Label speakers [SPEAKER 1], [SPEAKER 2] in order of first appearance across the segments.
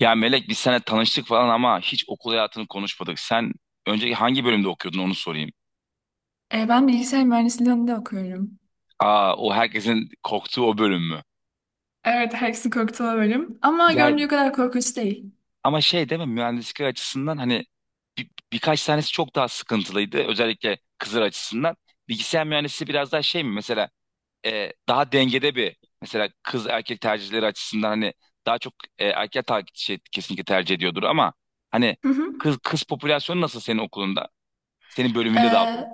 [SPEAKER 1] Ya Melek biz seninle tanıştık falan ama hiç okul hayatını konuşmadık. Sen önce hangi bölümde okuyordun onu sorayım.
[SPEAKER 2] Ben bilgisayar mühendisliği alanında okuyorum.
[SPEAKER 1] Aa o herkesin korktuğu o bölüm mü?
[SPEAKER 2] Evet, herkesin korktuğu bölüm. Ama
[SPEAKER 1] Yani
[SPEAKER 2] göründüğü kadar korkunç değil.
[SPEAKER 1] ama şey değil mi mühendislik açısından hani birkaç tanesi çok daha sıkıntılıydı. Özellikle kızlar açısından. Bilgisayar mühendisliği biraz daha şey mi mesela, daha dengede bir mesela kız erkek tercihleri açısından hani daha çok erkek kesinlikle tercih ediyordur ama hani
[SPEAKER 2] Hı hı.
[SPEAKER 1] kız popülasyonu nasıl senin okulunda? Senin
[SPEAKER 2] E,
[SPEAKER 1] bölümünde daha doğrusu.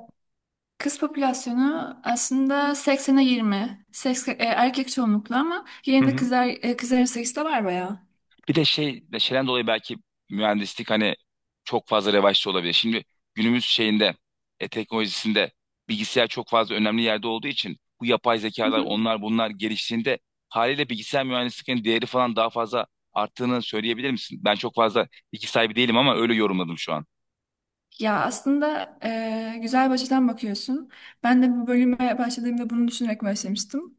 [SPEAKER 2] kız popülasyonu aslında seksene 20, erkek çoğunluklu ama yerinde kızlar, kızların sayısı da var bayağı.
[SPEAKER 1] Bir de şey, şeyden dolayı belki mühendislik hani çok fazla revaçta olabilir. Şimdi günümüz şeyinde, teknolojisinde bilgisayar çok fazla önemli yerde olduğu için bu yapay
[SPEAKER 2] Hı
[SPEAKER 1] zekalar,
[SPEAKER 2] hı.
[SPEAKER 1] onlar bunlar geliştiğinde haliyle bilgisayar mühendisliğinin değeri falan daha fazla arttığını söyleyebilir misin? Ben çok fazla bilgi sahibi değilim ama öyle yorumladım şu an.
[SPEAKER 2] Ya aslında güzel bir açıdan bakıyorsun. Ben de bu bölüme başladığımda bunu düşünerek başlamıştım.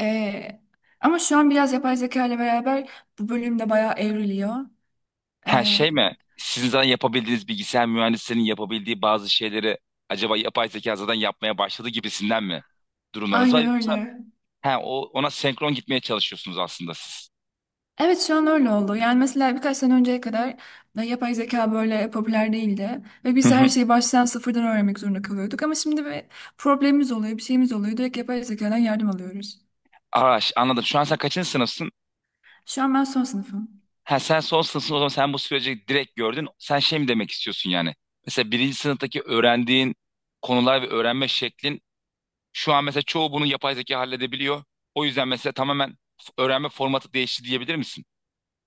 [SPEAKER 2] E, ama şu an biraz yapay zeka ile beraber bu bölümde bayağı evriliyor.
[SPEAKER 1] Her
[SPEAKER 2] E,
[SPEAKER 1] şey mi? Sizin zaten yapabildiğiniz bilgisayar mühendislerinin yapabildiği bazı şeyleri acaba yapay zeka zaten yapmaya başladı gibisinden mi durumlarınız var?
[SPEAKER 2] aynen
[SPEAKER 1] Yoksa
[SPEAKER 2] öyle.
[SPEAKER 1] he, o, ona senkron gitmeye çalışıyorsunuz aslında siz.
[SPEAKER 2] Evet şu an öyle oldu. Yani mesela birkaç sene önceye kadar yapay zeka böyle popüler değildi. Ve
[SPEAKER 1] Hı
[SPEAKER 2] biz her
[SPEAKER 1] hı.
[SPEAKER 2] şeyi baştan sıfırdan öğrenmek zorunda kalıyorduk. Ama şimdi bir problemimiz oluyor, bir şeyimiz oluyor. Direkt yapay zekadan yardım alıyoruz.
[SPEAKER 1] Araş anladım. Şu an sen kaçıncı sınıfsın?
[SPEAKER 2] Şu an ben son sınıfım.
[SPEAKER 1] Ha, sen son sınıfsın o zaman sen bu süreci direkt gördün. Sen şey mi demek istiyorsun yani? Mesela birinci sınıftaki öğrendiğin konular ve öğrenme şeklin şu an mesela çoğu bunu yapay zeka halledebiliyor. O yüzden mesela tamamen öğrenme formatı değişti diyebilir misin?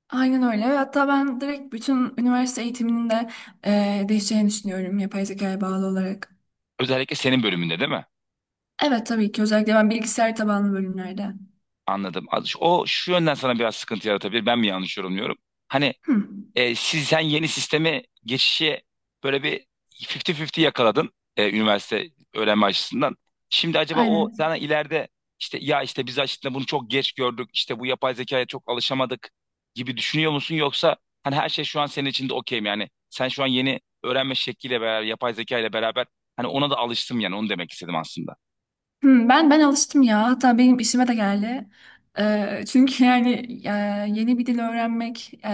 [SPEAKER 2] Aynen öyle. Ve hatta ben direkt bütün üniversite eğitiminin de değişeceğini düşünüyorum yapay zekaya bağlı olarak.
[SPEAKER 1] Özellikle senin bölümünde değil mi?
[SPEAKER 2] Evet tabii ki özellikle ben bilgisayar tabanlı bölümlerde.
[SPEAKER 1] Anladım. O şu yönden sana biraz sıkıntı yaratabilir. Ben mi yanlış yorumluyorum? Hani,
[SPEAKER 2] Hı,
[SPEAKER 1] e, siz sen yeni sisteme geçişi böyle bir 50-50 yakaladın, üniversite öğrenme açısından. Şimdi acaba o
[SPEAKER 2] aynen.
[SPEAKER 1] sana ileride işte ya işte biz aslında bunu çok geç gördük. İşte bu yapay zekaya çok alışamadık gibi düşünüyor musun? Yoksa hani her şey şu an senin için de okey mi? Yani sen şu an yeni öğrenme şekliyle beraber yapay zeka ile beraber hani ona da alıştım yani onu demek istedim aslında.
[SPEAKER 2] Hmm, ben alıştım ya. Hatta benim işime de geldi. Çünkü yani e, yeni bir dil öğrenmek, e,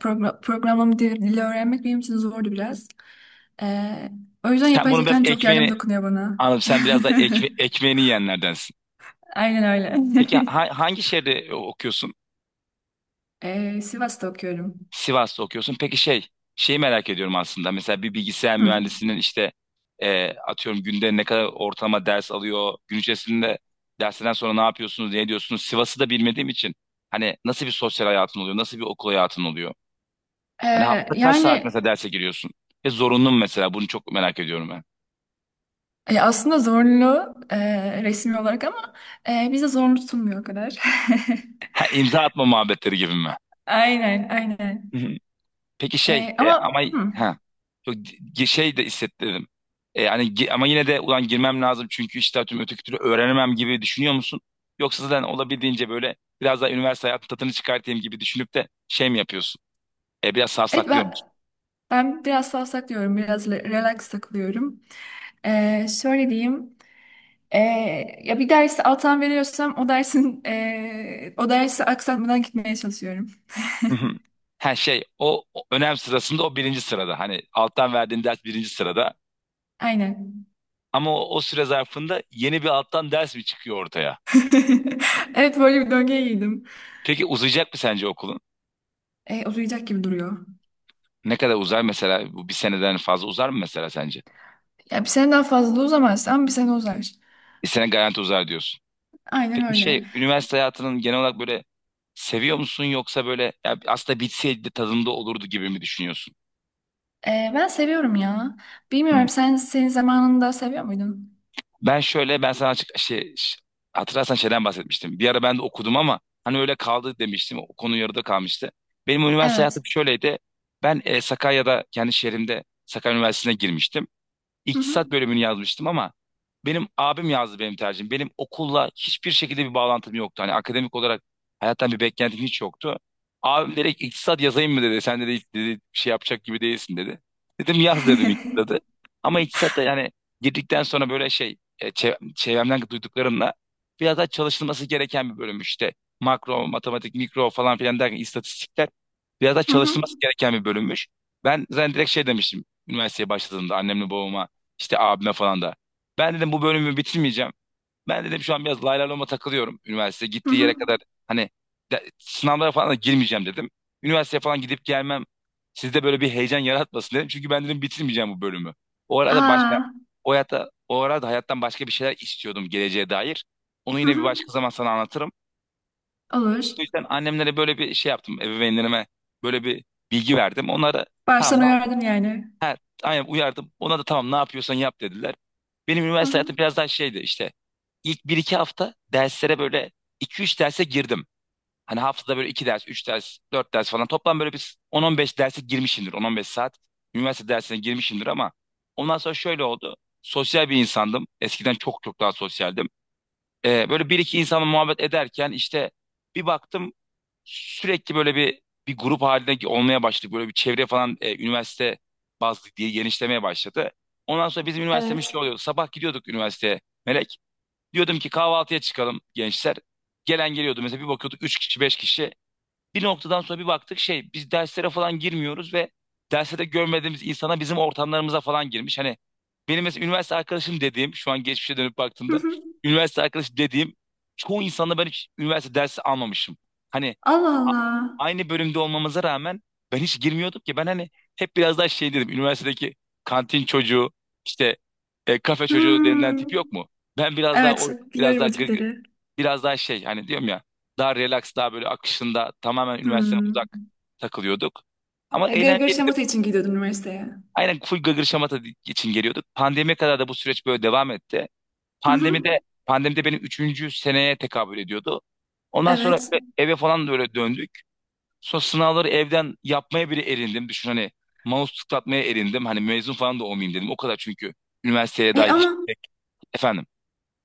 [SPEAKER 2] progra- programlama dili öğrenmek benim için zordu biraz. Ee, o yüzden
[SPEAKER 1] Sen
[SPEAKER 2] yapay
[SPEAKER 1] bunu biraz
[SPEAKER 2] zekanın çok yardım
[SPEAKER 1] ekmeğini.
[SPEAKER 2] dokunuyor bana.
[SPEAKER 1] Anladım. Sen biraz da ekmeğini yiyenlerdensin.
[SPEAKER 2] Aynen öyle.
[SPEAKER 1] Peki hangi şehirde okuyorsun?
[SPEAKER 2] Sivas'ta okuyorum.
[SPEAKER 1] Sivas'ta okuyorsun. Peki şey, şeyi merak ediyorum aslında. Mesela bir bilgisayar
[SPEAKER 2] Hı.
[SPEAKER 1] mühendisinin işte atıyorum günde ne kadar ortalama ders alıyor? Gün içerisinde dersinden sonra ne yapıyorsunuz, ne ediyorsunuz? Sivas'ı da bilmediğim için hani nasıl bir sosyal hayatın oluyor? Nasıl bir okul hayatın oluyor? Hani
[SPEAKER 2] Ee,
[SPEAKER 1] hafta kaç saat
[SPEAKER 2] yani
[SPEAKER 1] mesela derse giriyorsun? Ve zorunlu mu mesela? Bunu çok merak ediyorum ben.
[SPEAKER 2] aslında zorlu resmi olarak ama bize zorlu tutulmuyor o kadar.
[SPEAKER 1] Ha, imza atma muhabbetleri gibi mi?
[SPEAKER 2] Aynen, aynen.
[SPEAKER 1] Peki şey
[SPEAKER 2] Ama
[SPEAKER 1] ama
[SPEAKER 2] hı.
[SPEAKER 1] ha çok şey de hissettirdim. Hani ama yine de ulan girmem lazım çünkü işte tüm öteki türlü öğrenemem gibi düşünüyor musun? Yoksa zaten olabildiğince böyle biraz daha üniversite hayatı tadını çıkartayım gibi düşünüp de şey mi yapıyorsun? Biraz
[SPEAKER 2] Evet
[SPEAKER 1] savsaklıyor
[SPEAKER 2] ben
[SPEAKER 1] musun?
[SPEAKER 2] Ben biraz savsak diyorum, biraz relax takılıyorum. Şöyle diyeyim, ee, ya bir dersi alttan veriyorsam o dersin o dersi aksatmadan gitmeye çalışıyorum.
[SPEAKER 1] Hı hı. Ha şey o, o önem sırasında o birinci sırada. Hani alttan verdiğin ders birinci sırada.
[SPEAKER 2] Aynen.
[SPEAKER 1] Ama o, o süre zarfında yeni bir alttan ders mi çıkıyor ortaya?
[SPEAKER 2] Evet böyle bir döngüye girdim.
[SPEAKER 1] Peki uzayacak mı sence okulun?
[SPEAKER 2] Uzayacak gibi duruyor.
[SPEAKER 1] Ne kadar uzar mesela? Bu bir seneden fazla uzar mı mesela sence?
[SPEAKER 2] Ya bir sene daha fazla da uzamaz ama bir sene uzar.
[SPEAKER 1] Sene garanti uzar diyorsun.
[SPEAKER 2] Aynen
[SPEAKER 1] Peki
[SPEAKER 2] öyle.
[SPEAKER 1] şey üniversite hayatının genel olarak böyle seviyor musun yoksa böyle ya aslında bitseydi de tadında olurdu gibi mi düşünüyorsun?
[SPEAKER 2] Ben seviyorum ya.
[SPEAKER 1] Hı.
[SPEAKER 2] Bilmiyorum sen senin zamanında seviyor muydun?
[SPEAKER 1] Ben şöyle, ben sana açık şey hatırlarsan şeyden bahsetmiştim. Bir ara ben de okudum ama hani öyle kaldı demiştim. O konu yarıda kalmıştı. Benim üniversite hayatım
[SPEAKER 2] Evet.
[SPEAKER 1] şöyleydi. Ben Sakarya'da kendi şehrimde Sakarya Üniversitesi'ne girmiştim.
[SPEAKER 2] Hı hı.
[SPEAKER 1] İktisat bölümünü yazmıştım ama benim abim yazdı benim tercihim. Benim okulla hiçbir şekilde bir bağlantım yoktu. Hani akademik olarak hayattan bir beklentim hiç yoktu. Abim direkt iktisat yazayım mı dedi. Sen dedi, hiç dedi, bir şey yapacak gibi değilsin dedi. Dedim yaz dedim iktisadı. Ama iktisat da yani girdikten sonra böyle şey, çevremden duyduklarımla biraz daha çalışılması gereken bir bölüm işte. Makro, matematik, mikro falan filan derken istatistikler biraz daha
[SPEAKER 2] Hı hı.
[SPEAKER 1] çalışılması gereken bir bölümmüş. Ben zaten direkt şey demiştim üniversiteye başladığımda annemle babama. İşte abime falan da. Ben dedim bu bölümü bitirmeyeceğim. Ben dedim şu an biraz lay lay loma takılıyorum. Üniversite
[SPEAKER 2] Hı
[SPEAKER 1] gittiği yere
[SPEAKER 2] hı.
[SPEAKER 1] kadar hani sınavlara falan da girmeyeceğim dedim. Üniversiteye falan gidip gelmem sizde böyle bir heyecan yaratmasın dedim. Çünkü ben dedim bitirmeyeceğim bu bölümü. O arada başka,
[SPEAKER 2] Aa.
[SPEAKER 1] o hayata o arada hayattan başka bir şeyler istiyordum geleceğe dair. Onu
[SPEAKER 2] Hı
[SPEAKER 1] yine bir
[SPEAKER 2] hı.
[SPEAKER 1] başka zaman sana anlatırım.
[SPEAKER 2] Olur.
[SPEAKER 1] O yüzden annemlere böyle bir şey yaptım. Ebeveynlerime böyle bir bilgi verdim. Onlara tamam.
[SPEAKER 2] Baştan uyardın yani.
[SPEAKER 1] Aynen uyardım. Ona da tamam ne yapıyorsan yap dediler. Benim
[SPEAKER 2] Hı
[SPEAKER 1] üniversite hayatım
[SPEAKER 2] hı.
[SPEAKER 1] biraz daha şeydi işte. İlk bir iki hafta derslere böyle iki üç derse girdim. Hani haftada böyle 2 ders, 3 ders, 4 ders falan. Toplam böyle bir 10-15 derse girmişimdir. 10-15 saat üniversite dersine girmişimdir ama ondan sonra şöyle oldu. Sosyal bir insandım. Eskiden çok çok daha sosyaldim. Böyle bir iki insanla muhabbet ederken işte bir baktım sürekli böyle bir grup halinde olmaya başladık. Böyle bir çevre falan üniversite bazlı diye genişlemeye başladı. Ondan sonra bizim üniversitemiz
[SPEAKER 2] Evet.
[SPEAKER 1] şey oluyordu. Sabah gidiyorduk üniversiteye Melek. Diyordum ki kahvaltıya çıkalım gençler. Gelen geliyordu. Mesela bir bakıyorduk 3 kişi 5 kişi. Bir noktadan sonra bir baktık şey, biz derslere falan girmiyoruz ve derslerde görmediğimiz insana bizim ortamlarımıza falan girmiş. Hani benim mesela üniversite arkadaşım dediğim, şu an geçmişe dönüp
[SPEAKER 2] Hı
[SPEAKER 1] baktığımda
[SPEAKER 2] hı.
[SPEAKER 1] üniversite arkadaşı dediğim çoğu insanla ben hiç üniversite dersi almamışım. Hani
[SPEAKER 2] Allah
[SPEAKER 1] a-
[SPEAKER 2] Allah.
[SPEAKER 1] aynı bölümde olmamıza rağmen ben hiç girmiyordum ki. Ben hani hep biraz daha şey dedim, üniversitedeki kantin çocuğu işte, kafe çocuğu denilen
[SPEAKER 2] Hmm.
[SPEAKER 1] tip yok mu? Ben biraz daha
[SPEAKER 2] Evet,
[SPEAKER 1] o, biraz
[SPEAKER 2] biliyorum
[SPEAKER 1] daha
[SPEAKER 2] o
[SPEAKER 1] gır,
[SPEAKER 2] tipleri.
[SPEAKER 1] biraz daha şey, hani diyorum ya daha relax, daha böyle akışında tamamen üniversiteden
[SPEAKER 2] Hmm.
[SPEAKER 1] uzak takılıyorduk. Ama
[SPEAKER 2] Ya, gırgır
[SPEAKER 1] eğlenceli de.
[SPEAKER 2] şamata için gidiyordun üniversiteye.
[SPEAKER 1] Aynen, full gırgır şamata için geliyorduk. Pandemiye kadar da bu süreç böyle devam etti.
[SPEAKER 2] Hı hı.
[SPEAKER 1] Pandemide, benim üçüncü seneye tekabül ediyordu. Ondan sonra
[SPEAKER 2] Evet.
[SPEAKER 1] böyle eve falan da öyle döndük. Sonra sınavları evden yapmaya bile erindim. Düşün hani, mouse tıklatmaya erindim. Hani mezun falan da olmayayım dedim. O kadar çünkü üniversiteye
[SPEAKER 2] E,
[SPEAKER 1] dair hiç
[SPEAKER 2] ama
[SPEAKER 1] efendim.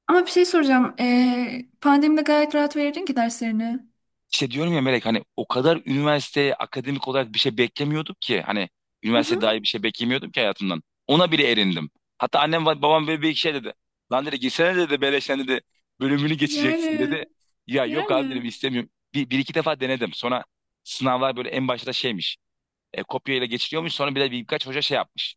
[SPEAKER 2] ama bir şey soracağım. E, pandemide gayet rahat verirdin ki derslerini.
[SPEAKER 1] İşte diyorum ya Melek, hani o kadar üniversiteye akademik olarak bir şey beklemiyordum ki. Hani
[SPEAKER 2] Hı
[SPEAKER 1] üniversite
[SPEAKER 2] hı.
[SPEAKER 1] dair bir şey beklemiyordum ki hayatımdan. Ona bile erindim. Hatta annem ve babam böyle bir iki şey dedi. Lan dedi girsene dedi beleşten dedi bölümünü geçeceksin
[SPEAKER 2] Yani
[SPEAKER 1] dedi. Ya yok abi dedim
[SPEAKER 2] yani.
[SPEAKER 1] istemiyorum. Bir iki defa denedim. Sonra sınavlar böyle en başta şeymiş. Kopyayla geçiliyormuş. Sonra bir de birkaç hoca şey yapmış.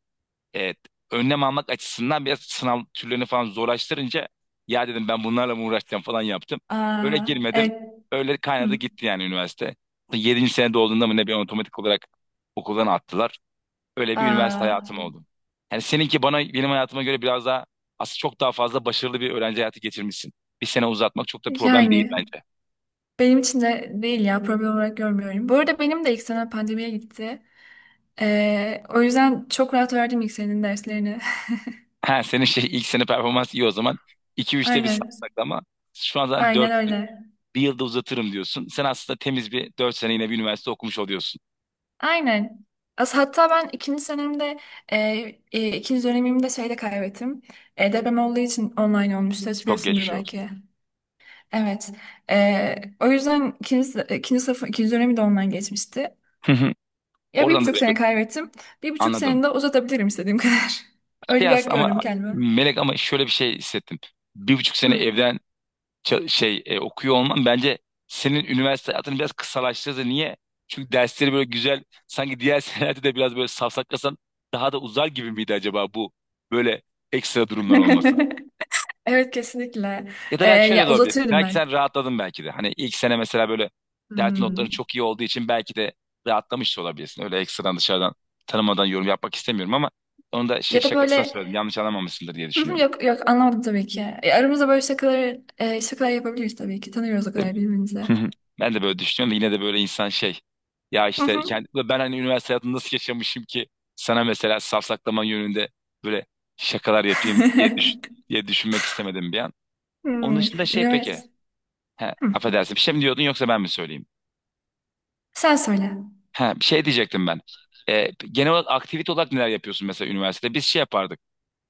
[SPEAKER 1] Evet, önlem almak açısından biraz sınav türlerini falan zorlaştırınca ya dedim ben bunlarla mı uğraşacağım falan yaptım. Öyle
[SPEAKER 2] Aa,
[SPEAKER 1] girmedim.
[SPEAKER 2] evet.
[SPEAKER 1] Öyle kaynadı
[SPEAKER 2] Hı.
[SPEAKER 1] gitti yani üniversite. Yedinci senede olduğunda mı ne bir otomatik olarak okuldan attılar. Öyle bir üniversite hayatım
[SPEAKER 2] Aa,
[SPEAKER 1] oldu. Yani seninki bana, benim hayatıma göre biraz daha, aslında çok daha fazla başarılı bir öğrenci hayatı geçirmişsin. Bir sene uzatmak çok da problem değil
[SPEAKER 2] yani
[SPEAKER 1] bence.
[SPEAKER 2] benim için de değil ya, problem olarak görmüyorum. Bu arada benim de ilk sene pandemiye gitti. O yüzden çok rahat verdim ilk senin derslerini.
[SPEAKER 1] Ha, senin şey ilk sene performans iyi o zaman. İki üçte bir sarsak
[SPEAKER 2] Aynen.
[SPEAKER 1] ama şu an zaten
[SPEAKER 2] Aynen
[SPEAKER 1] 4.
[SPEAKER 2] öyle.
[SPEAKER 1] Bir yılda uzatırım diyorsun. Sen aslında temiz bir 4 sene yine bir üniversite okumuş oluyorsun.
[SPEAKER 2] Aynen. As hatta ben ikinci senemde e, ikinci dönemimde şeyde kaybettim. E, deprem olduğu için online olmuştu.
[SPEAKER 1] Çok
[SPEAKER 2] Hatırlıyorsundur
[SPEAKER 1] geçmiş olsun.
[SPEAKER 2] belki. Evet. O yüzden ikinci sınıf ikinci dönemi de online geçmişti.
[SPEAKER 1] Hı hı.
[SPEAKER 2] Ya bir
[SPEAKER 1] Oradan da
[SPEAKER 2] buçuk
[SPEAKER 1] böyle
[SPEAKER 2] sene kaybettim. Bir buçuk
[SPEAKER 1] anladım.
[SPEAKER 2] sene de uzatabilirim istediğim kadar.
[SPEAKER 1] Şey
[SPEAKER 2] Öyle bir hak
[SPEAKER 1] aslında
[SPEAKER 2] gördüm
[SPEAKER 1] ama
[SPEAKER 2] kendime.
[SPEAKER 1] Melek, ama şöyle bir şey hissettim. Bir buçuk sene
[SPEAKER 2] Hı.
[SPEAKER 1] evden okuyor olman bence senin üniversite hayatını biraz kısalaştırdı. Niye? Çünkü dersleri böyle güzel, sanki diğer senelerde de biraz böyle safsaklasan daha da uzar gibi miydi acaba bu böyle ekstra durumlar olması?
[SPEAKER 2] Evet kesinlikle.
[SPEAKER 1] Ya da belki şöyle
[SPEAKER 2] Ya
[SPEAKER 1] de olabilir.
[SPEAKER 2] uzatırdım
[SPEAKER 1] Belki
[SPEAKER 2] ben.
[SPEAKER 1] sen rahatladın belki de. Hani ilk sene mesela böyle dert notların
[SPEAKER 2] Hmm.
[SPEAKER 1] çok iyi olduğu için belki de rahatlamış da olabilirsin. Öyle ekstradan, dışarıdan, tanımadan yorum yapmak istemiyorum ama onu da şey
[SPEAKER 2] Ya da
[SPEAKER 1] şakasına
[SPEAKER 2] böyle
[SPEAKER 1] söyledim. Yanlış anlamamışsındır diye
[SPEAKER 2] "Hı hı,
[SPEAKER 1] düşünüyorum.
[SPEAKER 2] yok yok anlamadım tabii ki. Aramızda böyle şakalar yapabiliriz tabii ki. Tanıyoruz o
[SPEAKER 1] Hı.
[SPEAKER 2] kadar birbirimizi.
[SPEAKER 1] Ben de böyle düşünüyorum da yine de böyle insan şey. Ya
[SPEAKER 2] Hı
[SPEAKER 1] işte
[SPEAKER 2] hı.
[SPEAKER 1] kendi, ben hani üniversite hayatını nasıl yaşamışım ki sana mesela safsaklama yönünde böyle şakalar yapayım diye, diye düşünmek istemedim bir an. Onun
[SPEAKER 2] Hmm,
[SPEAKER 1] dışında şey peki.
[SPEAKER 2] üniversite.
[SPEAKER 1] He,
[SPEAKER 2] Hı.
[SPEAKER 1] affedersin bir şey mi diyordun yoksa ben mi söyleyeyim?
[SPEAKER 2] Sen söyle.
[SPEAKER 1] Ha, bir şey diyecektim ben. Genel olarak aktivite olarak neler yapıyorsun mesela üniversitede? Biz şey yapardık.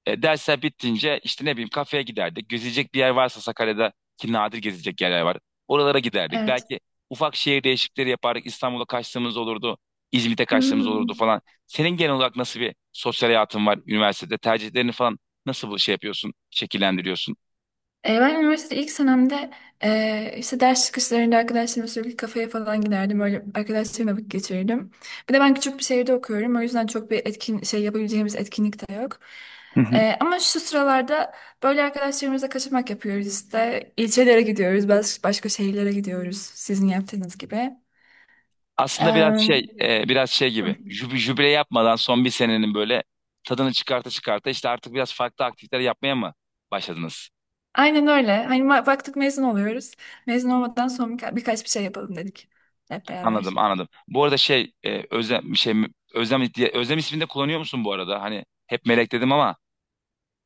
[SPEAKER 1] Dersler bittince işte ne bileyim kafeye giderdik. Gezecek bir yer varsa Sakarya'da ki nadir gezecek yerler var. Oralara giderdik.
[SPEAKER 2] Evet.
[SPEAKER 1] Belki ufak şehir değişiklikleri yapardık. İstanbul'a kaçtığımız olurdu. İzmit'e kaçtığımız olurdu
[SPEAKER 2] Hmm.
[SPEAKER 1] falan. Senin genel olarak nasıl bir sosyal hayatın var üniversitede? Tercihlerini falan nasıl bu şey yapıyorsun, şekillendiriyorsun?
[SPEAKER 2] Ben üniversitede ilk senemde işte ders çıkışlarında arkadaşlarımla sürekli kafeye falan giderdim. Öyle arkadaşlarımla vakit geçirirdim. Bir de ben küçük bir şehirde okuyorum. O yüzden çok bir etkin şey yapabileceğimiz etkinlik de yok. Ama şu sıralarda böyle arkadaşlarımızla kaçamak yapıyoruz işte. İlçelere gidiyoruz, başka şehirlere gidiyoruz sizin yaptığınız gibi.
[SPEAKER 1] Aslında biraz
[SPEAKER 2] Em,
[SPEAKER 1] şey biraz şey
[SPEAKER 2] hı.
[SPEAKER 1] gibi jübile yapmadan son bir senenin böyle tadını çıkarta çıkarta işte artık biraz farklı aktiviteler yapmaya mı başladınız?
[SPEAKER 2] Aynen öyle. Hani baktık mezun oluyoruz. Mezun olmadan sonra birkaç bir şey yapalım dedik hep beraber.
[SPEAKER 1] Anladım anladım. Bu arada şey Özlem şey, Özlem diye, Özlem ismini de kullanıyor musun bu arada? Hani hep Melek dedim ama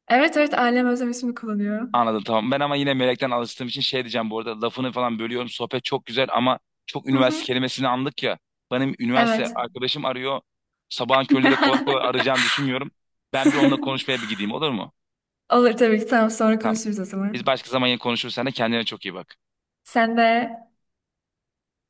[SPEAKER 2] Evet evet, ailem özlemesini kullanıyor.
[SPEAKER 1] anladım tamam. Ben ama yine Melek'ten alıştığım için şey diyeceğim, bu arada lafını falan bölüyorum. Sohbet çok güzel ama çok
[SPEAKER 2] Hı
[SPEAKER 1] üniversite
[SPEAKER 2] hı.
[SPEAKER 1] kelimesini andık ya. Benim üniversite
[SPEAKER 2] Evet.
[SPEAKER 1] arkadaşım arıyor. Sabahın köründe de kolay kolay arayacağını düşünmüyorum. Ben bir onunla konuşmaya bir gideyim olur mu?
[SPEAKER 2] Olur tabii ki. Tamam, sonra
[SPEAKER 1] Tamam.
[SPEAKER 2] konuşuruz o zaman.
[SPEAKER 1] Biz başka zaman yine konuşuruz. Sen de kendine çok iyi bak.
[SPEAKER 2] Sen de